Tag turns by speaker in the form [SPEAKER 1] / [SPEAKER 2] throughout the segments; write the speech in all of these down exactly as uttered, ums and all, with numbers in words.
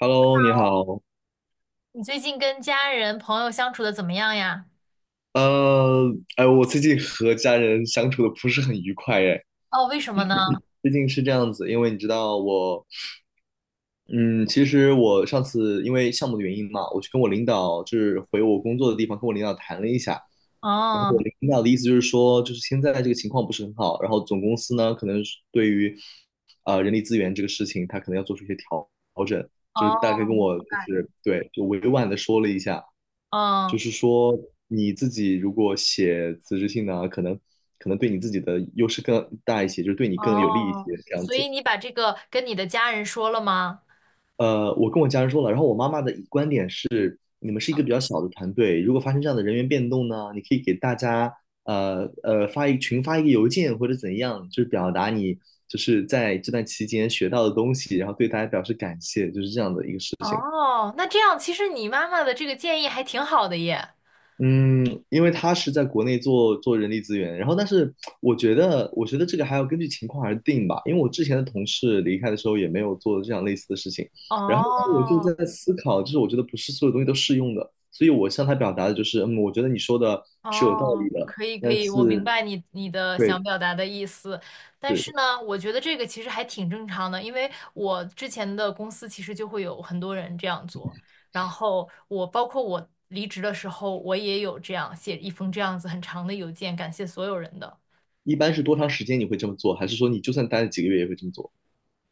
[SPEAKER 1] Hello，你好。
[SPEAKER 2] 你最近跟家人朋友相处的怎么样呀？
[SPEAKER 1] 呃，哎，我最近和家人相处的不是很愉快，哎，
[SPEAKER 2] 哦，为什么呢？
[SPEAKER 1] 最近是这样子，因为你知道我，嗯，其实我上次因为项目的原因嘛，我去跟我领导，就是回我工作的地方，跟我领导谈了一下。
[SPEAKER 2] 哦
[SPEAKER 1] 领导的意思就是说，就是现在这个情况不是很好，然后总公司呢，可能是对于呃人力资源这个事情，他可能要做出一些调调整，就是大概
[SPEAKER 2] 哦，
[SPEAKER 1] 跟我
[SPEAKER 2] 明
[SPEAKER 1] 就是对，就委婉的说了一下。就
[SPEAKER 2] 哦
[SPEAKER 1] 是说你自己如果写辞职信呢，可能可能对你自己的优势更大一些，就是对你更有利一些
[SPEAKER 2] 哦，
[SPEAKER 1] 这样
[SPEAKER 2] 所以
[SPEAKER 1] 子。
[SPEAKER 2] 你把这个跟你的家人说了吗？
[SPEAKER 1] 呃，我跟我家人说了，然后我妈妈的观点是，你们是一个比较小的团队，如果发生这样的人员变动呢，你可以给大家呃呃发一群发一个邮件或者怎样，就是表达你就是在这段期间学到的东西，然后对大家表示感谢，就是这样的一个事情。
[SPEAKER 2] 哦，那这样其实你妈妈的这个建议还挺好的耶。
[SPEAKER 1] 嗯，因为他是在国内做做人力资源，然后但是我觉得，我觉得这个还要根据情况而定吧。因为我之前的同事离开的时候也没有做这样类似的事情，然后呢，我就
[SPEAKER 2] 哦
[SPEAKER 1] 在思考，就是我觉得不是所有东西都适用的，所以我向他表达的就是，嗯，我觉得你说的是有道
[SPEAKER 2] 哦，
[SPEAKER 1] 理的，
[SPEAKER 2] 可以可
[SPEAKER 1] 但
[SPEAKER 2] 以，我明
[SPEAKER 1] 是
[SPEAKER 2] 白你你的想
[SPEAKER 1] 对，
[SPEAKER 2] 表达的意思，但是
[SPEAKER 1] 是
[SPEAKER 2] 呢，我觉得这个其实还挺正常的，因为我之前的公司其实就会有很多人这样做，然后我包括我离职的时候，我也有这样写一封这样子很长的邮件，感谢所有人的。
[SPEAKER 1] 一般是多长时间你会这么做，还是说你就算待了几个月也会这么做？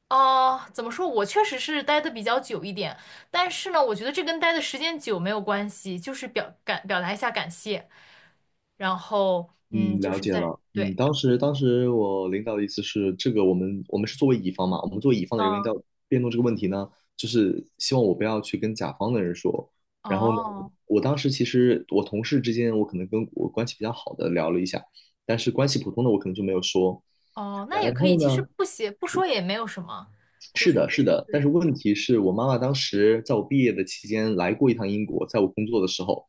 [SPEAKER 2] 哦，怎么说？我确实是待的比较久一点，但是呢，我觉得这跟待的时间久没有关系，就是表感表达一下感谢，然后嗯，
[SPEAKER 1] 嗯，
[SPEAKER 2] 就
[SPEAKER 1] 了
[SPEAKER 2] 是
[SPEAKER 1] 解
[SPEAKER 2] 在
[SPEAKER 1] 了。嗯，
[SPEAKER 2] 对，
[SPEAKER 1] 当时当时我领导的意思是，这个我们我们是作为乙方嘛，我们作为乙方的人员
[SPEAKER 2] 嗯，
[SPEAKER 1] 要辩论这个问题呢，就是希望我不要去跟甲方的人说。然后呢，
[SPEAKER 2] 哦。
[SPEAKER 1] 我当时其实我同事之间，我可能跟我关系比较好的聊了一下，但是关系普通的我可能就没有说。
[SPEAKER 2] 哦，那
[SPEAKER 1] 然
[SPEAKER 2] 也可以，
[SPEAKER 1] 后
[SPEAKER 2] 其实
[SPEAKER 1] 呢，
[SPEAKER 2] 不写不说也没有什么，就
[SPEAKER 1] 是
[SPEAKER 2] 是
[SPEAKER 1] 的，是的，但
[SPEAKER 2] 对，
[SPEAKER 1] 是问题是我妈妈当时在我毕业的期间来过一趟英国，在我工作的时候，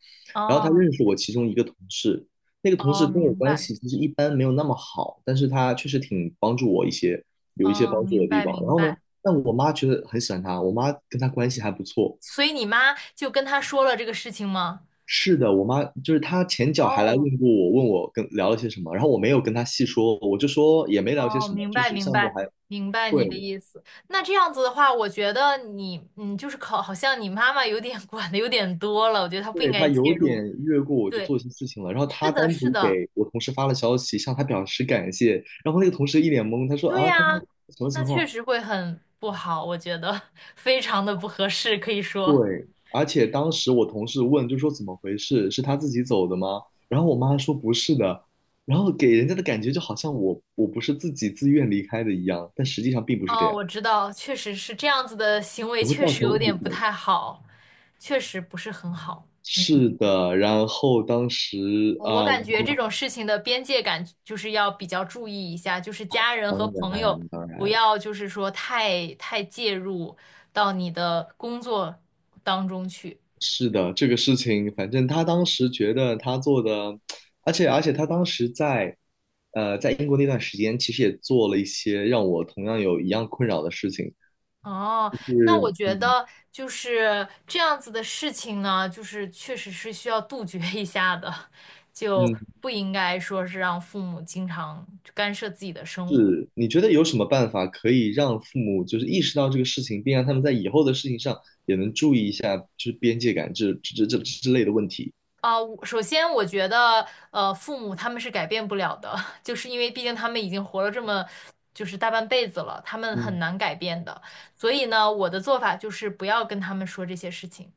[SPEAKER 1] 然后她
[SPEAKER 2] 哦
[SPEAKER 1] 认识我其中一个同事，那个同
[SPEAKER 2] 哦，
[SPEAKER 1] 事跟我
[SPEAKER 2] 明
[SPEAKER 1] 关
[SPEAKER 2] 白，
[SPEAKER 1] 系其实一般没有那么好，但是他确实挺帮助我一些，有一些
[SPEAKER 2] 哦，
[SPEAKER 1] 帮助我
[SPEAKER 2] 明
[SPEAKER 1] 的地
[SPEAKER 2] 白
[SPEAKER 1] 方。然
[SPEAKER 2] 明
[SPEAKER 1] 后呢，
[SPEAKER 2] 白。
[SPEAKER 1] 但我妈觉得很喜欢他，我妈跟他关系还不错。
[SPEAKER 2] 所以你妈就跟他说了这个事情吗？
[SPEAKER 1] 是的，我妈就是她前脚还来
[SPEAKER 2] 哦
[SPEAKER 1] 问过我，问我跟聊了些什么，然后我没有跟她细说，我就说也没聊些
[SPEAKER 2] 哦，
[SPEAKER 1] 什么，
[SPEAKER 2] 明
[SPEAKER 1] 就
[SPEAKER 2] 白
[SPEAKER 1] 是这个
[SPEAKER 2] 明
[SPEAKER 1] 项目
[SPEAKER 2] 白
[SPEAKER 1] 还
[SPEAKER 2] 明白
[SPEAKER 1] 对，
[SPEAKER 2] 你的意思。那这样子的话，我觉得你嗯，就是考，好像你妈妈有点 管的有点多了，我觉得她不应
[SPEAKER 1] 对，
[SPEAKER 2] 该
[SPEAKER 1] 他
[SPEAKER 2] 介
[SPEAKER 1] 有点
[SPEAKER 2] 入。
[SPEAKER 1] 越过我去
[SPEAKER 2] 对，
[SPEAKER 1] 做一些事情了，然后
[SPEAKER 2] 是
[SPEAKER 1] 他
[SPEAKER 2] 的，
[SPEAKER 1] 单
[SPEAKER 2] 是
[SPEAKER 1] 独
[SPEAKER 2] 的，
[SPEAKER 1] 给我同事发了消息，向他表示感谢，然后那个同事一脸懵，他说
[SPEAKER 2] 对
[SPEAKER 1] 啊，他说
[SPEAKER 2] 呀，
[SPEAKER 1] 什么
[SPEAKER 2] 那
[SPEAKER 1] 情
[SPEAKER 2] 确
[SPEAKER 1] 况？
[SPEAKER 2] 实会很不好，我觉得 非常的不合适，可以说。
[SPEAKER 1] 对，而且当时我同事问，就说怎么回事？是他自己走的吗？然后我妈说不是的，然后给人家的感觉就好像我我不是自己自愿离开的一样，但实际上并不是这
[SPEAKER 2] 哦，
[SPEAKER 1] 样，
[SPEAKER 2] 我知道，确实是这样子的行为，
[SPEAKER 1] 也会
[SPEAKER 2] 确
[SPEAKER 1] 造
[SPEAKER 2] 实
[SPEAKER 1] 成
[SPEAKER 2] 有点
[SPEAKER 1] 误
[SPEAKER 2] 不
[SPEAKER 1] 会。
[SPEAKER 2] 太好，确实不是很好。嗯，
[SPEAKER 1] 是的，然后当时
[SPEAKER 2] 我我
[SPEAKER 1] 啊，我
[SPEAKER 2] 感觉
[SPEAKER 1] 妈
[SPEAKER 2] 这
[SPEAKER 1] 妈
[SPEAKER 2] 种事情的边界感就是要比较注意一下，就是家人
[SPEAKER 1] 当
[SPEAKER 2] 和朋友
[SPEAKER 1] 然当
[SPEAKER 2] 不
[SPEAKER 1] 然。
[SPEAKER 2] 要就是说太太介入到你的工作当中去。
[SPEAKER 1] 是的，这个事情，反正他当时觉得他做的，而且而且他当时在，呃，在英国那段时间，其实也做了一些让我同样有一样困扰的事情，
[SPEAKER 2] 哦，
[SPEAKER 1] 就
[SPEAKER 2] 那我
[SPEAKER 1] 是
[SPEAKER 2] 觉
[SPEAKER 1] 嗯
[SPEAKER 2] 得就是这样子的事情呢，就是确实是需要杜绝一下的，就
[SPEAKER 1] 嗯，
[SPEAKER 2] 不应该说是让父母经常干涉自己的生活。
[SPEAKER 1] 是你觉得有什么办法可以让父母就是意识到这个事情，并让他们在以后的事情上也能注意一下，就是边界感这这这之类的问题？
[SPEAKER 2] 啊，我首先我觉得，呃，父母他们是改变不了的，就是因为毕竟他们已经活了这么，就是大半辈子了，他们很
[SPEAKER 1] 嗯，
[SPEAKER 2] 难改变的。所以呢，我的做法就是不要跟他们说这些事情，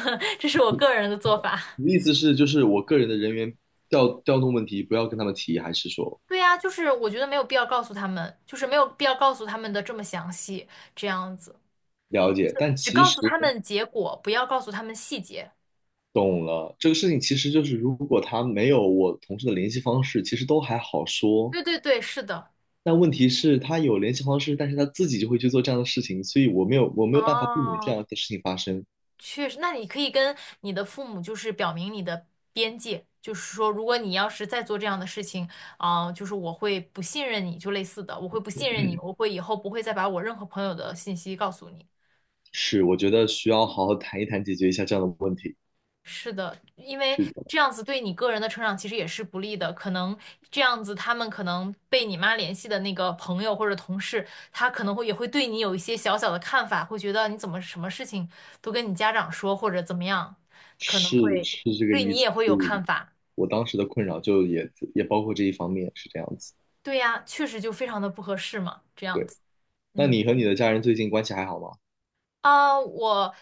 [SPEAKER 2] 这是我个人的做法。
[SPEAKER 1] 你的 意思是就是我个人的人员调调动问题不要跟他们提，还是说
[SPEAKER 2] 对呀，就是我觉得没有必要告诉他们，就是没有必要告诉他们的这么详细，这样子，
[SPEAKER 1] 了解？但
[SPEAKER 2] 只
[SPEAKER 1] 其
[SPEAKER 2] 告
[SPEAKER 1] 实。
[SPEAKER 2] 诉他们结果，不要告诉他们细节。
[SPEAKER 1] 懂了，这个事情其实就是，如果他没有我同事的联系方式，其实都还好说。
[SPEAKER 2] 对对对，是的。
[SPEAKER 1] 但问题是，他有联系方式，但是他自己就会去做这样的事情，所以我没有我没有办法避免这
[SPEAKER 2] 哦。
[SPEAKER 1] 样的事情发生。
[SPEAKER 2] 确实，那你可以跟你的父母就是表明你的边界，就是说，如果你要是再做这样的事情，啊、就是我会不信任你，就类似的，我会不信任你，我会以后不会再把我任何朋友的信息告诉你。
[SPEAKER 1] 是，我觉得需要好好谈一谈，解决一下这样的问题。
[SPEAKER 2] 是的，因为
[SPEAKER 1] 是的，
[SPEAKER 2] 这样子对你个人的成长其实也是不利的。可能这样子，他们可能被你妈联系的那个朋友或者同事，他可能会也会对你有一些小小的看法，会觉得你怎么什么事情都跟你家长说，或者怎么样，可能
[SPEAKER 1] 是
[SPEAKER 2] 会
[SPEAKER 1] 是这个
[SPEAKER 2] 对
[SPEAKER 1] 意
[SPEAKER 2] 你
[SPEAKER 1] 思。
[SPEAKER 2] 也会
[SPEAKER 1] 所
[SPEAKER 2] 有
[SPEAKER 1] 以
[SPEAKER 2] 看法。
[SPEAKER 1] 我当时的困扰就也也包括这一方面，是这样子。
[SPEAKER 2] 对呀，确实就非常的不合适嘛，这样子。
[SPEAKER 1] 那
[SPEAKER 2] 嗯。
[SPEAKER 1] 你和你的家人最近关系还好吗？
[SPEAKER 2] 啊，我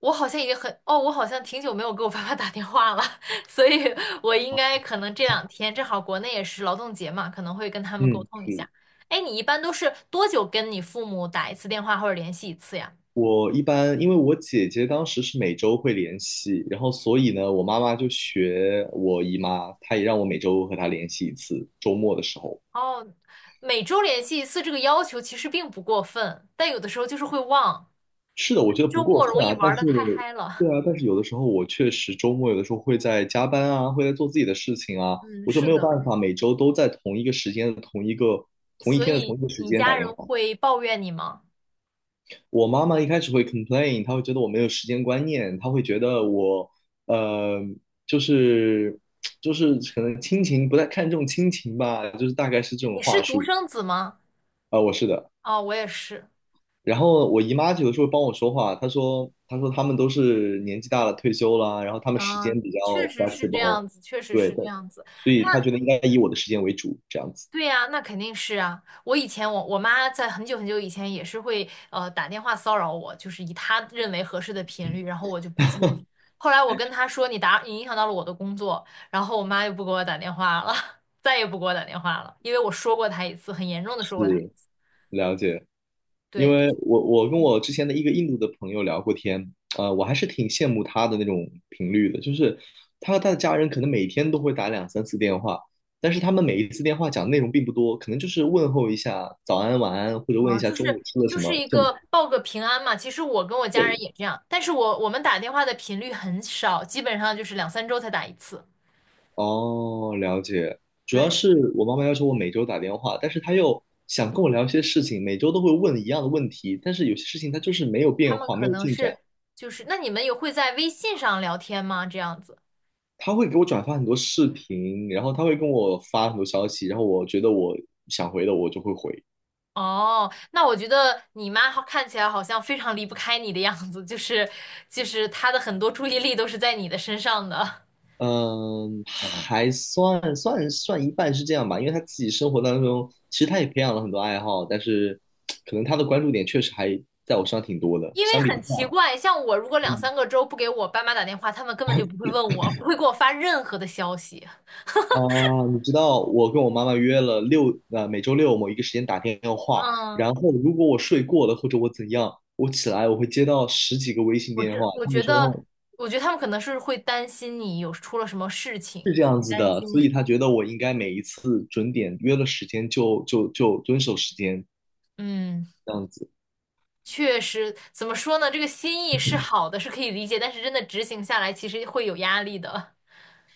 [SPEAKER 2] 我好像已经很哦，我好像挺久没有给我爸爸打电话了，所以我应该可能这两天正好国内也是劳动节嘛，可能会跟他们沟
[SPEAKER 1] 嗯，
[SPEAKER 2] 通一下。
[SPEAKER 1] 是。
[SPEAKER 2] 哎，你一般都是多久跟你父母打一次电话或者联系一次呀？
[SPEAKER 1] 我一般，因为我姐姐当时是每周会联系，然后所以呢，我妈妈就学我姨妈，她也让我每周和她联系一次，周末的时候。
[SPEAKER 2] 哦，每周联系一次这个要求其实并不过分，但有的时候就是会忘，
[SPEAKER 1] 是的，我
[SPEAKER 2] 因
[SPEAKER 1] 觉
[SPEAKER 2] 为
[SPEAKER 1] 得不
[SPEAKER 2] 周
[SPEAKER 1] 过
[SPEAKER 2] 末
[SPEAKER 1] 分
[SPEAKER 2] 容易
[SPEAKER 1] 啊，
[SPEAKER 2] 玩
[SPEAKER 1] 但
[SPEAKER 2] 的
[SPEAKER 1] 是，
[SPEAKER 2] 太嗨
[SPEAKER 1] 对
[SPEAKER 2] 了。
[SPEAKER 1] 啊，但是有的时候我确实周末有的时候会在加班啊，会在做自己的事情啊，
[SPEAKER 2] 嗯，
[SPEAKER 1] 我就
[SPEAKER 2] 是
[SPEAKER 1] 没有
[SPEAKER 2] 的，
[SPEAKER 1] 办法每周都在同一个时间、同一个同一
[SPEAKER 2] 所
[SPEAKER 1] 天的同
[SPEAKER 2] 以
[SPEAKER 1] 一个时
[SPEAKER 2] 你
[SPEAKER 1] 间打
[SPEAKER 2] 家
[SPEAKER 1] 电
[SPEAKER 2] 人
[SPEAKER 1] 话。
[SPEAKER 2] 会抱怨你吗？
[SPEAKER 1] 我妈妈一开始会 complain，她会觉得我没有时间观念，她会觉得我，呃，就是就是可能亲情不太看重亲情吧，就是大概是这种
[SPEAKER 2] 你是
[SPEAKER 1] 话
[SPEAKER 2] 独
[SPEAKER 1] 术。
[SPEAKER 2] 生子吗？
[SPEAKER 1] 啊、我是的。
[SPEAKER 2] 哦，我也是。
[SPEAKER 1] 然后我姨妈有的时候帮我说话，她说她说他们都是年纪大了退休了，然后他们时
[SPEAKER 2] 嗯，
[SPEAKER 1] 间比较
[SPEAKER 2] 确实是这
[SPEAKER 1] flexible，
[SPEAKER 2] 样子，确实
[SPEAKER 1] 对
[SPEAKER 2] 是这
[SPEAKER 1] 的，
[SPEAKER 2] 样子。
[SPEAKER 1] 所
[SPEAKER 2] 那
[SPEAKER 1] 以她觉得应该以我的时间为主，这样子
[SPEAKER 2] 对呀，那肯定是啊。我以前我我妈在很久很久以前也是会呃打电话骚扰我，就是以她认为合适的频率，然后我就不接。后来我跟她说你打你影响到了我的工作，然后我妈就不给我打电话了，再也不给我打电话了，因为我说过她一次，很严重的说过她一
[SPEAKER 1] 是
[SPEAKER 2] 次。
[SPEAKER 1] 了解。因
[SPEAKER 2] 对，就
[SPEAKER 1] 为
[SPEAKER 2] 是
[SPEAKER 1] 我我跟我之前的一个印度的朋友聊过天，呃，我还是挺羡慕他的那种频率的，就是他和他的家人可能每天都会打两三次电话，但是他们每一次电话讲的内容并不多，可能就是问候一下早安晚安，或者问一
[SPEAKER 2] 啊，
[SPEAKER 1] 下
[SPEAKER 2] 就是
[SPEAKER 1] 中午吃了
[SPEAKER 2] 就
[SPEAKER 1] 什
[SPEAKER 2] 是
[SPEAKER 1] 么，
[SPEAKER 2] 一
[SPEAKER 1] 这么
[SPEAKER 2] 个报个平安嘛。其实我跟我家人
[SPEAKER 1] 对。
[SPEAKER 2] 也这样，但是我我们打电话的频率很少，基本上就是两三周才打一次。
[SPEAKER 1] 哦，了解。主要
[SPEAKER 2] 对，
[SPEAKER 1] 是我妈妈要求我每周打电话，但是她又想跟我聊一些事情，每周都会问一样的问题，但是有些事情它就是没有
[SPEAKER 2] 他
[SPEAKER 1] 变
[SPEAKER 2] 们
[SPEAKER 1] 化，没
[SPEAKER 2] 可
[SPEAKER 1] 有
[SPEAKER 2] 能
[SPEAKER 1] 进
[SPEAKER 2] 是
[SPEAKER 1] 展。
[SPEAKER 2] 就是，那你们有会在微信上聊天吗？这样子？
[SPEAKER 1] 他会给我转发很多视频，然后他会跟我发很多消息，然后我觉得我想回的我就会回。
[SPEAKER 2] 哦，那我觉得你妈好看起来好像非常离不开你的样子，就是就是她的很多注意力都是在你的身上的，
[SPEAKER 1] 嗯，还算算算一半是这样吧，因为他自己生活当中，其实他也培养了很多爱好，但是可能他的关注点确实还在我身上挺多的。
[SPEAKER 2] 因为
[SPEAKER 1] 相比之
[SPEAKER 2] 很奇
[SPEAKER 1] 下，
[SPEAKER 2] 怪，像我如果两
[SPEAKER 1] 嗯
[SPEAKER 2] 三个周不给我爸妈打电话，他们根本就不会问我，不会给我发任何的消息。
[SPEAKER 1] 啊，你知道我跟我妈妈约了六呃每周六某一个时间打电话，
[SPEAKER 2] 嗯，
[SPEAKER 1] 然后如果我睡过了或者我怎样，我起来我会接到十几个微信
[SPEAKER 2] 我
[SPEAKER 1] 电
[SPEAKER 2] 这
[SPEAKER 1] 话，
[SPEAKER 2] 我
[SPEAKER 1] 他
[SPEAKER 2] 觉
[SPEAKER 1] 们说他
[SPEAKER 2] 得，
[SPEAKER 1] 们
[SPEAKER 2] 我觉得他们可能是会担心你有出了什么事
[SPEAKER 1] 是
[SPEAKER 2] 情，
[SPEAKER 1] 这样
[SPEAKER 2] 会
[SPEAKER 1] 子
[SPEAKER 2] 担
[SPEAKER 1] 的，
[SPEAKER 2] 心
[SPEAKER 1] 所以
[SPEAKER 2] 你。
[SPEAKER 1] 他觉得我应该每一次准点约了时间就就就遵守时间
[SPEAKER 2] 嗯。
[SPEAKER 1] 这样子。
[SPEAKER 2] 确实，怎么说呢？这个心意是好的，是可以理解，但是真的执行下来，其实会有压力的，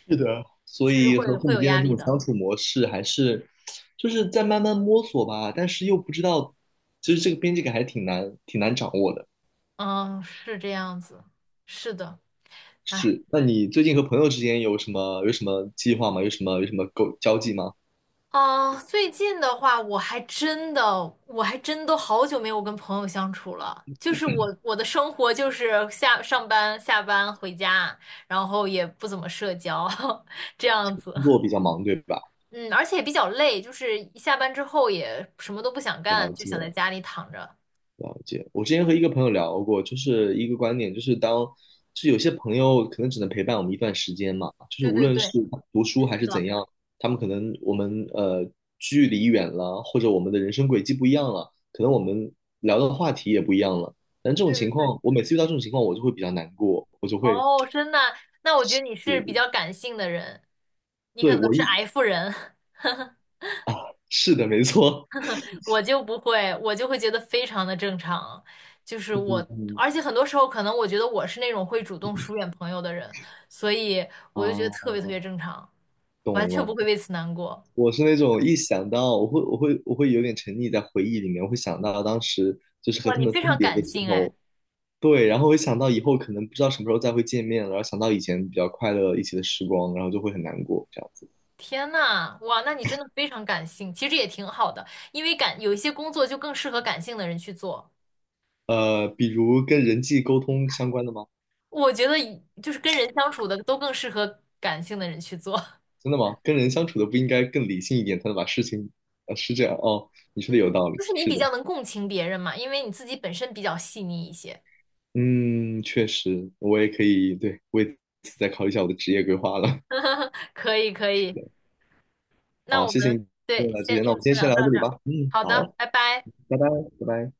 [SPEAKER 1] 是的，所
[SPEAKER 2] 确实
[SPEAKER 1] 以
[SPEAKER 2] 会
[SPEAKER 1] 和父
[SPEAKER 2] 会
[SPEAKER 1] 母之
[SPEAKER 2] 有
[SPEAKER 1] 间的
[SPEAKER 2] 压
[SPEAKER 1] 这
[SPEAKER 2] 力
[SPEAKER 1] 种
[SPEAKER 2] 的。
[SPEAKER 1] 相处模式还是就是在慢慢摸索吧，但是又不知道，其实这个边界感还挺难挺难掌握的。
[SPEAKER 2] 嗯，是这样子，是的，哎，
[SPEAKER 1] 是，那你最近和朋友之间有什么有什么计划吗？有什么有什么沟交际吗？
[SPEAKER 2] 嗯，最近的话，我还真的，我还真都好久没有跟朋友相处了。就是我我的生活就是下上班、下班回家，然后也不怎么社交，这样子。
[SPEAKER 1] 工作比较忙，对吧？
[SPEAKER 2] 嗯，而且也比较累，就是一下班之后也什么都不想干，
[SPEAKER 1] 了
[SPEAKER 2] 就想在
[SPEAKER 1] 解。
[SPEAKER 2] 家里躺着。
[SPEAKER 1] 了解，我之前和一个朋友聊过，就是一个观点，就是当，就是有些朋友可能只能陪伴我们一段时间嘛，就是
[SPEAKER 2] 对
[SPEAKER 1] 无
[SPEAKER 2] 对
[SPEAKER 1] 论是
[SPEAKER 2] 对。
[SPEAKER 1] 读书还
[SPEAKER 2] 是
[SPEAKER 1] 是怎
[SPEAKER 2] 的，
[SPEAKER 1] 样，他们可能我们呃距离远了，或者我们的人生轨迹不一样了，可能我们聊的话题也不一样了。但这种
[SPEAKER 2] 对对
[SPEAKER 1] 情
[SPEAKER 2] 对，
[SPEAKER 1] 况，我每次遇到这种情况，我就会比较难过，我就会，
[SPEAKER 2] 哦，真的，那我觉得你是比较感性的人，你可
[SPEAKER 1] 对，
[SPEAKER 2] 能
[SPEAKER 1] 我
[SPEAKER 2] 是
[SPEAKER 1] 一，
[SPEAKER 2] F 人，
[SPEAKER 1] 是的，没错，
[SPEAKER 2] 我就不会，我就会觉得非常的正常，就是我，
[SPEAKER 1] 嗯
[SPEAKER 2] 而且很多时候可能我觉得我是那种会主动疏远朋友的人，所以我就觉得
[SPEAKER 1] 啊，
[SPEAKER 2] 特别特别正常，完
[SPEAKER 1] 懂
[SPEAKER 2] 全不
[SPEAKER 1] 了。
[SPEAKER 2] 会为此难过。
[SPEAKER 1] 我是那种一想到我会我会我会有点沉溺在回忆里面，我会想到当时就是和
[SPEAKER 2] 哇，
[SPEAKER 1] 他
[SPEAKER 2] 你
[SPEAKER 1] 们
[SPEAKER 2] 非
[SPEAKER 1] 分
[SPEAKER 2] 常
[SPEAKER 1] 别的
[SPEAKER 2] 感
[SPEAKER 1] 时
[SPEAKER 2] 性哎，
[SPEAKER 1] 候，对，然后会想到以后可能不知道什么时候再会见面了，然后想到以前比较快乐一起的时光，然后就会很难过这样子。
[SPEAKER 2] 天呐，哇，那你真的非常感性，其实也挺好的，因为感有一些工作就更适合感性的人去做。
[SPEAKER 1] 呃，比如跟人际沟通相关的吗？
[SPEAKER 2] 我觉得以就是跟人相处的都更适合感性的人去做，
[SPEAKER 1] 真的吗？跟人相处的不应该更理性一点，才能把事情，呃，是这样哦，你说的有
[SPEAKER 2] 嗯，
[SPEAKER 1] 道理，
[SPEAKER 2] 就是你
[SPEAKER 1] 是
[SPEAKER 2] 比较
[SPEAKER 1] 的，
[SPEAKER 2] 能共情别人嘛，因为你自己本身比较细腻一些。
[SPEAKER 1] 嗯，确实，我也可以，对，为此再考虑一下我的职业规划了。
[SPEAKER 2] 可以，可
[SPEAKER 1] 是
[SPEAKER 2] 以，
[SPEAKER 1] 的。
[SPEAKER 2] 那
[SPEAKER 1] 好，
[SPEAKER 2] 我
[SPEAKER 1] 谢谢
[SPEAKER 2] 们
[SPEAKER 1] 你给我
[SPEAKER 2] 对，
[SPEAKER 1] 的这
[SPEAKER 2] 先
[SPEAKER 1] 些那
[SPEAKER 2] 这
[SPEAKER 1] 我
[SPEAKER 2] 次
[SPEAKER 1] 们今天
[SPEAKER 2] 先
[SPEAKER 1] 先
[SPEAKER 2] 聊
[SPEAKER 1] 聊到
[SPEAKER 2] 到
[SPEAKER 1] 这
[SPEAKER 2] 这
[SPEAKER 1] 里
[SPEAKER 2] 儿，
[SPEAKER 1] 吧。嗯，
[SPEAKER 2] 好
[SPEAKER 1] 好，
[SPEAKER 2] 的，拜拜。
[SPEAKER 1] 拜拜，拜拜。